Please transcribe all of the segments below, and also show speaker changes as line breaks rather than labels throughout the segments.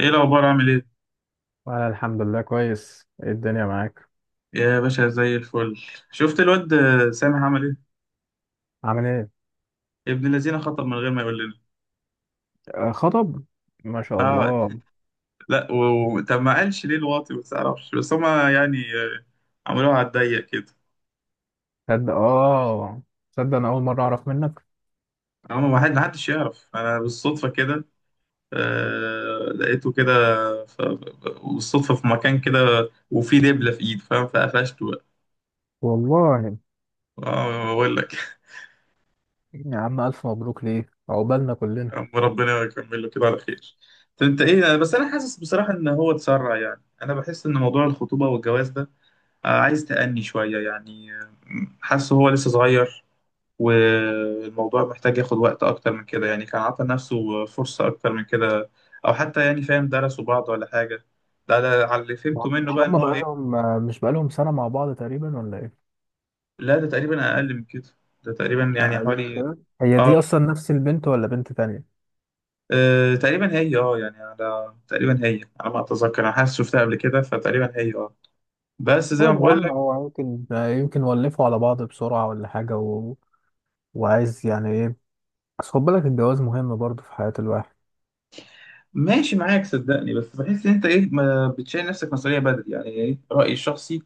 ايه الاخبار؟ عامل ايه؟
وانا الحمد لله كويس، ايه الدنيا معاك؟
يا باشا، زي الفل. شفت الواد سامح عمل ايه؟
عامل ايه؟
ابن الذين خطب من غير ما يقول لنا.
خطب. ما شاء
اه.
الله.
لا طب ما قالش ليه الواطي؟ ما تعرفش، بس هما يعني عملوها على الضيق كده.
تصدق؟ اه، تصدق انا اول مره اعرف منك.
هما ما حدش يعرف، انا بالصدفه كده. لقيته كده، ف... بالصدفه في مكان كده، وفي دبله في ايده، فاهم؟ فقفشته بقى.
والله.
اه، بقول لك.
يا عم، الف مبروك ليه، عقبالنا كلنا.
يا عم ربنا يكمل له كده على خير. طب انت ايه؟ بس انا حاسس بصراحه ان هو اتسرع، يعني انا بحس ان موضوع الخطوبه والجواز ده عايز تأني شوية يعني. حاسه هو لسه صغير، والموضوع محتاج ياخد وقت أكتر من كده، يعني كان عطى نفسه فرصة أكتر من كده، أو حتى يعني، فاهم، درسوا بعض ولا حاجة. ده على اللي
ما
فهمته
هم-
منه
مش
بقى، إن
هم
هو إيه.
بقالهم آه، مش بقالهم سنه مع بعض تقريبا ولا ايه؟
لا ده تقريبا أقل من كده، ده تقريبا يعني
اقل من
حوالي.
كده؟ هي
آه.
دي اصلا نفس البنت ولا بنت تانية؟
تقريبا هي، اه، يعني على، تقريبا هي على ما اتذكر، انا حاسس شفتها قبل كده، فتقريبا هي اه. بس زي ما
طيب يا
بقول
عم،
لك.
هو يمكن ولفوا على بعض بسرعه ولا حاجه وعايز يعني ايه؟ بس خد بالك، الجواز مهم برضه في حياه الواحد.
ماشي معاك، صدقني، بس بحس ان انت ايه، ما بتشيل نفسك مسؤوليه بدري، يعني ايه رايي الشخصي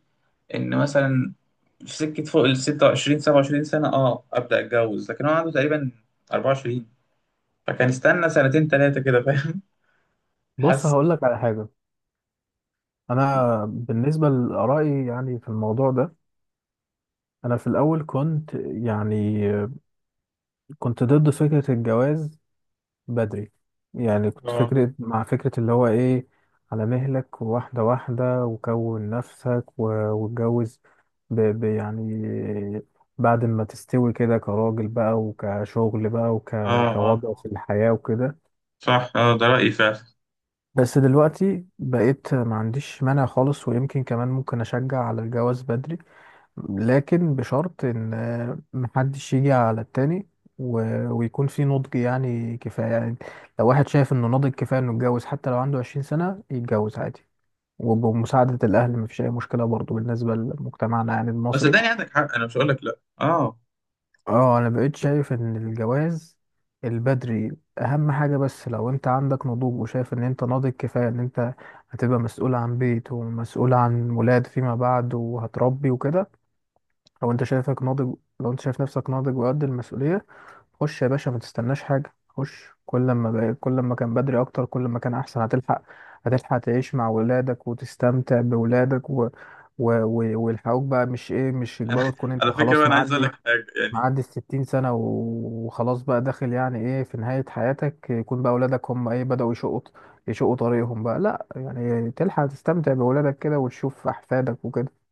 ان مثلا في سكه فوق ال 26 27 سنه، اه ابدا اتجوز، لكن هو عنده تقريبا 24. فكان استنى سنتين ثلاثه كده، فاهم.
بص،
حاسس.
هقول لك على حاجه. انا بالنسبه لارائي يعني في الموضوع ده، انا في الاول كنت ضد فكره الجواز بدري. يعني كنت
اه.
مع فكره اللي هو ايه، على مهلك، واحده واحده، وكون نفسك واتجوز، ب ب يعني بعد ما تستوي كده كراجل بقى، وكشغل بقى،
اه. اه.
كوضع في الحياه وكده.
صح، اه، ده رأيي فعلا.
بس دلوقتي بقيت ما عنديش مانع خالص، ويمكن كمان ممكن اشجع على الجواز بدري، لكن بشرط ان محدش يجي على التاني و... ويكون في نضج يعني، كفاية يعني. لو واحد شايف انه ناضج كفاية انه يتجوز، حتى لو عنده 20 سنة، يتجوز عادي. وبمساعدة الأهل مفيش أي مشكلة برضو بالنسبة لمجتمعنا يعني
بس
المصري.
صدقني عندك حق، انا مش هقول لك لا، اه.
اه، أنا بقيت شايف إن الجواز البدري أهم حاجة، بس لو أنت عندك نضوج وشايف إن أنت ناضج كفاية، إن أنت هتبقى مسؤول عن بيت ومسؤول عن ولاد فيما بعد، وهتربي وكده. لو انت شايفك ناضج، لو انت شايف نفسك ناضج وقد المسؤولية، خش يا باشا، ما تستناش حاجة. خش، كل ما كل ما كان بدري اكتر، كل ما كان احسن. هتلحق تعيش مع ولادك وتستمتع بولادك ويلحقوك بقى، مش ايه، مش يجبروا
انا،
تكون انت
على فكره بقى،
خلاص
انا عايز اقول
معدي،
لك حاجه يعني.
معدي ال 60 سنة وخلاص بقى داخل يعني ايه، في نهاية حياتك، يكون بقى ولادك هم ايه، بدأوا يشقوا طريقهم بقى. لا يعني تلحق تستمتع بولادك كده وتشوف احفادك وكده.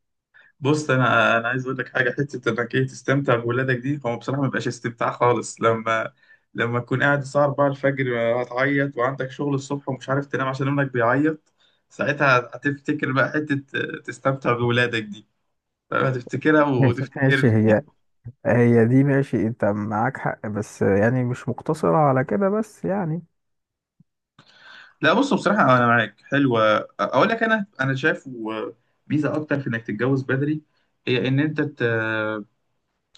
بص، انا عايز اقول لك حاجه، حته انك ايه، تستمتع بولادك دي، هو بصراحه ما بيبقاش استمتاع خالص لما تكون قاعد الساعه 4 الفجر، هتعيط وعندك شغل الصبح ومش عارف تنام عشان ابنك بيعيط. ساعتها هتفتكر بقى حته تستمتع بولادك دي. فاهم؟ هتفتكرها
ماشي.
وتفتكرني.
هي هي دي ماشي انت معاك حق، بس يعني مش مقتصرة على كده بس يعني.
لا بص، بصراحه انا معاك، حلوه. اقول لك، انا شايف ميزه اكتر في انك تتجوز بدري، هي ان انت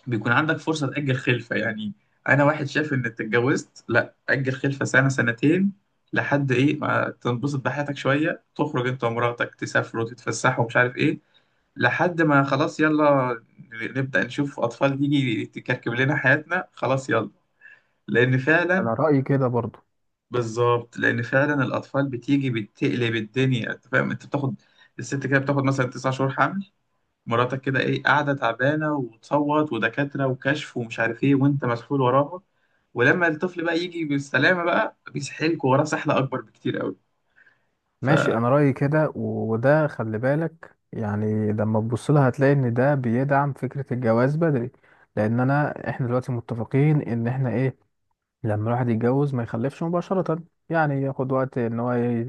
بيكون عندك فرصة تأجل خلفة يعني. أنا واحد شايف إنك اتجوزت، لأ، أجل خلفة سنة سنتين، لحد إيه ما تنبسط بحياتك شوية، تخرج أنت ومراتك، تسافروا تتفسحوا ومش عارف إيه، لحد ما خلاص يلا نبدأ نشوف أطفال تيجي تكركب لنا حياتنا. خلاص يلا، لأن فعلا.
انا رأيي كده برضو.
بالظبط، لأن فعلا الأطفال بتيجي بتقلب الدنيا. أنت فاهم، أنت بتاخد، الست كده بتاخد مثلا 9 شهور، مراتك كده ايه قاعده تعبانه وتصوت ودكاتره وكشف ومش عارف ايه، وانت مسحول وراها. ولما الطفل بقى يجي بالسلامه بقى، بيسحلك وراه سحله اكبر بكتير قوي. ف،
ماشي، انا رأيي كده وده خلي بالك يعني، لما تبص لها هتلاقي ان ده بيدعم فكرة الجواز بدري. لان احنا دلوقتي متفقين ان احنا ايه، لما الواحد يتجوز ما يخلفش مباشرة، يعني ياخد وقت ان هو ي-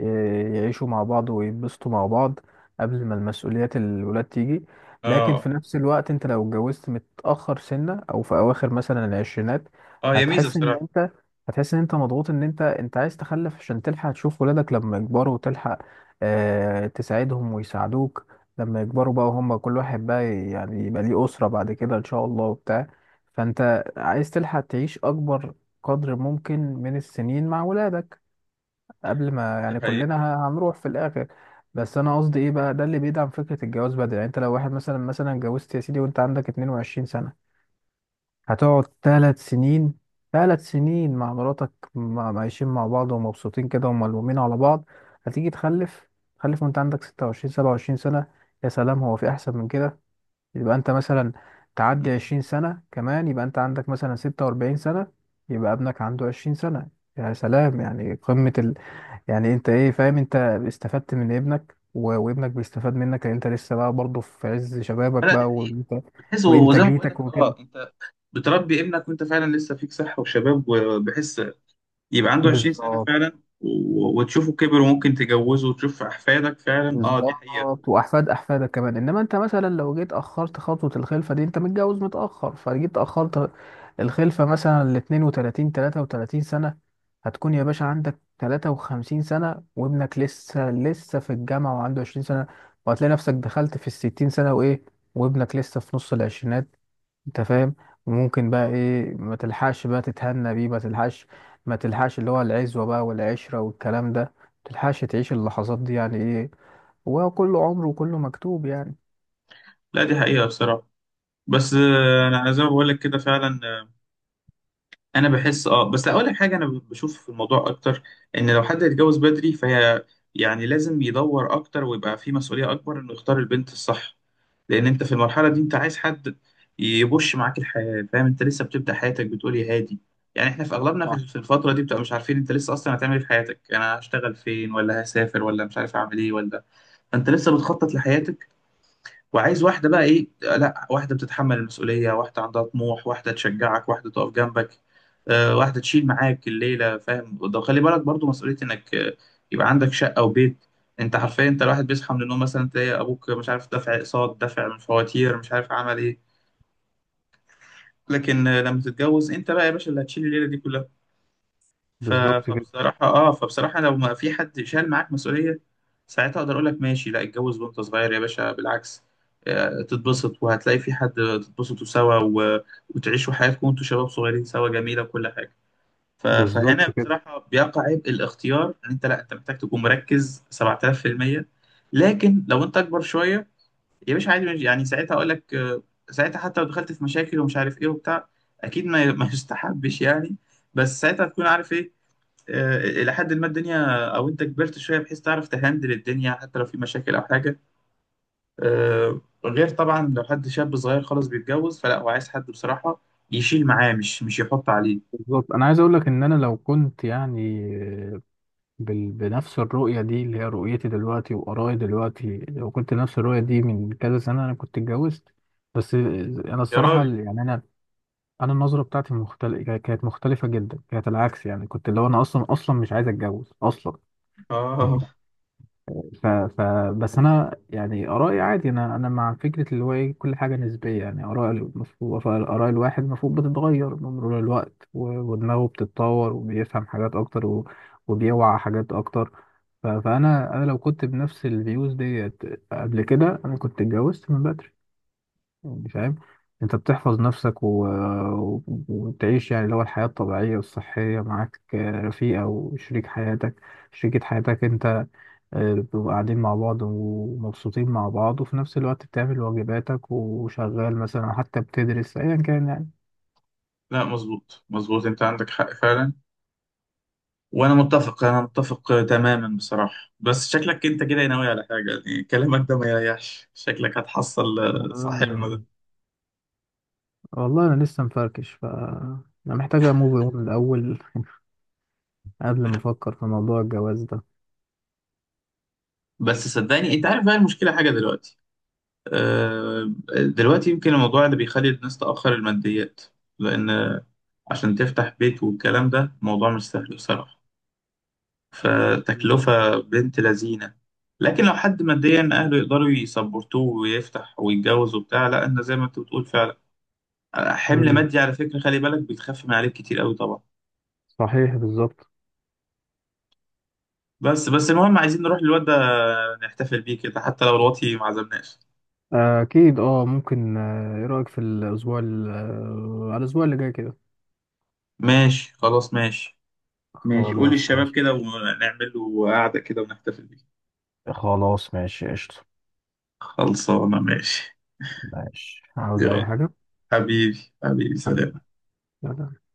ي- يعيشوا مع بعض ويتبسطوا مع بعض قبل ما المسؤوليات الولاد تيجي. لكن في
اه.
نفس الوقت انت لو اتجوزت متأخر سنة، او في اواخر مثلا العشرينات،
اه، هي ميزه
هتحس ان
بصراحه.
انت هتحس ان انت مضغوط، ان انت عايز تخلف عشان تلحق تشوف ولادك لما يكبروا، وتلحق تساعدهم ويساعدوك لما يكبروا بقى، وهم كل واحد بقى يعني يبقى ليه أسرة بعد كده ان شاء الله وبتاع. فانت عايز تلحق تعيش اكبر قدر ممكن من السنين مع ولادك قبل ما
دي
يعني
حقيقه.
كلنا هنروح في الاخر. بس انا قصدي ايه بقى، ده اللي بيدعم فكره الجواز بدري. يعني انت لو واحد مثلا اتجوزت يا سيدي وانت عندك 22 سنه، هتقعد ثلاث سنين مع مراتك، عايشين مع بعض ومبسوطين كده، وملمومين على بعض. هتيجي تخلف وانت عندك 26 27 سنه. يا سلام، هو في احسن من كده؟ يبقى انت مثلا تعدي
مم.
20 سنة كمان، يبقى انت عندك مثلا 46 سنة، يبقى ابنك عنده 20 سنة. يا سلام، يعني قمة يعني انت ايه، فاهم انت استفدت من ابنك وابنك بيستفاد منك، لان انت لسه بقى برضه في عز شبابك
لا دي
بقى،
حقيقه.
وانت
بتحس، وزي ما بقول لك
وانتاجيتك وكده.
اه، انت بتربي ابنك وانت فعلا لسه فيك صحه وشباب، وبحس يبقى عنده 20 سنه
بالظبط.
فعلا وتشوفه كبر، وممكن تجوزه وتشوف احفادك فعلا. اه، دي حقيقه.
بالظبط، واحفاد احفادك كمان. انما انت مثلا لو جيت اخرت خطوه الخلفه دي، انت متجوز متاخر، فجيت اخرت الخلفه مثلا ل 32 33 سنه، هتكون يا باشا عندك 53 سنه، وابنك لسه في الجامعه وعنده 20 سنه، وهتلاقي نفسك دخلت في ال 60 سنه وايه، وابنك لسه في نص العشرينات. انت فاهم. وممكن بقى
آه.
ايه، ما تلحقش بقى تتهنى بيه، ما تلحقش، ما تلحقش اللي هو العزوة بقى والعشرة والكلام ده، ما تلحقش تعيش اللحظات دي، يعني ايه، هو كله عمر وكله مكتوب يعني.
لا دي حقيقه بصراحه. بس انا زي ما بقول لك كده فعلا، انا بحس اه. بس اقول لك حاجه، انا بشوف في الموضوع اكتر، ان لو حد يتجوز بدري فهي يعني لازم يدور اكتر، ويبقى في مسؤوليه اكبر انه يختار البنت الصح، لان انت في المرحله دي انت عايز حد يبش معاك الحياه، فاهم، انت لسه بتبدا حياتك، بتقول يا هادي. يعني احنا في اغلبنا في
صح.
في الفتره دي بتبقى مش عارفين، انت لسه اصلا هتعمل ايه في حياتك، يعني انا هشتغل فين، ولا هسافر، ولا مش عارف اعمل ايه، ولا. فانت لسه بتخطط لحياتك، وعايز واحدة بقى إيه، لا، واحدة بتتحمل المسؤولية، واحدة عندها طموح، واحدة تشجعك، واحدة تقف جنبك، واحدة تشيل معاك الليلة. فاهم، ده خلي بالك برضو مسؤولية إنك يبقى عندك شقة وبيت. أنت حرفيا، أنت الواحد بيصحى من النوم مثلا، تلاقي أبوك مش عارف دفع أقساط، دفع من فواتير، مش عارف عمل إيه. لكن لما تتجوز أنت بقى يا باشا، اللي هتشيل الليلة دي كلها. ف-
بالظبط كده
فبصراحة اه، فبصراحة لو ما في حد شال معاك مسؤولية، ساعتها اقدر اقول لك ماشي، لا اتجوز وانت صغير يا باشا، بالعكس، تتبسط وهتلاقي في حد، تتبسطوا سوا وتعيشوا حياتكم وانتوا شباب صغيرين سوا، جميلة وكل حاجة.
بالظبط
فهنا
كده
بصراحة بيقع عبء الاختيار، ان انت، لا انت محتاج تكون مركز 7000%. لكن لو انت اكبر شوية يا باشا، عادي يعني، ساعتها اقول لك ساعتها حتى لو دخلت في مشاكل ومش عارف ايه وبتاع، اكيد ما يستحبش يعني، بس ساعتها تكون عارف إيه. الى حد ما الدنيا، او انت كبرت شويه، بحيث تعرف تهندل الدنيا حتى لو في مشاكل او حاجه آه، غير طبعا لو حد شاب صغير خالص بيتجوز، فلا، هو عايز حد بصراحه يشيل معاه، مش يحط عليه.
بالظبط، انا عايز اقول لك ان انا لو كنت يعني بنفس الرؤيه دي اللي هي رؤيتي دلوقتي وارائي دلوقتي، لو كنت نفس الرؤيه دي من كذا سنه، انا كنت اتجوزت. بس انا
يا
الصراحه
راجل،
يعني انا النظره بتاعتي مختلفه، كانت مختلفه جدا، كانت العكس، يعني كنت اللي هو انا اصلا مش عايز اتجوز اصلا.
اه.
ف... ف... بس انا يعني ارائي عادي. انا مع فكره اللي هو ايه، كل حاجه نسبيه، يعني اراء المفروض، اراء الواحد المفروض بتتغير بمرور الوقت ودماغه بتتطور وبيفهم حاجات اكتر وبيوعى حاجات اكتر. فانا لو كنت بنفس الفيوز ديت قبل كده، انا كنت اتجوزت من بدري. يعني فاهم، انت بتحفظ نفسك وتعيش يعني اللي هو الحياه الطبيعيه والصحيه، معاك رفيقه وشريك حياتك، شريكة حياتك انت. بتبقوا قاعدين مع بعض ومبسوطين مع بعض، وفي نفس الوقت بتعمل واجباتك، وشغال مثلا أو حتى بتدرس أيا كان يعني.
لا، مظبوط مظبوط، انت عندك حق فعلا. وانا متفق، انا متفق تماما بصراحه. بس شكلك انت كده ناوي على حاجه، يعني كلامك ده ما يريحش، شكلك هتحصل صاحبنا ده.
آه. والله أنا لسه مفركش. ف أنا محتاج أموف أون من الأول قبل ما أفكر في موضوع الجواز ده.
بس صدقني، انت عارف بقى المشكله حاجه دلوقتي، آه، دلوقتي يمكن الموضوع اللي بيخلي الناس تأخر الماديات، لأن عشان تفتح بيت والكلام ده موضوع مش سهل بصراحة، فتكلفة بنت لذينة. لكن لو حد ماديا أهله يقدروا يسبورتوه ويفتح ويتجوز وبتاع، لا، أنا زي ما أنت بتقول فعلا، حمل
مم.
مادي على فكرة، خلي بالك، بيتخف من عليك كتير قوي طبعا.
صحيح، بالظبط.
بس بس المهم، عايزين نروح للواد ده نحتفل بيه كده، حتى لو الواطي ما عزمناش.
أكيد. أه، ممكن إيه رأيك في الأسبوع على الأسبوع اللي جاي كده؟
ماشي، خلاص ماشي. ماشي قول
خلاص
للشباب
ماشي.
كده، ونعمل له قعدة كده ونحتفل بيه.
خلاص ماشي، قشطة.
خلصانة ماشي.
ماشي، عاوز أي
يلا،
حاجة؟
حبيبي حبيبي، سلام.
حبيبي. لا، لا.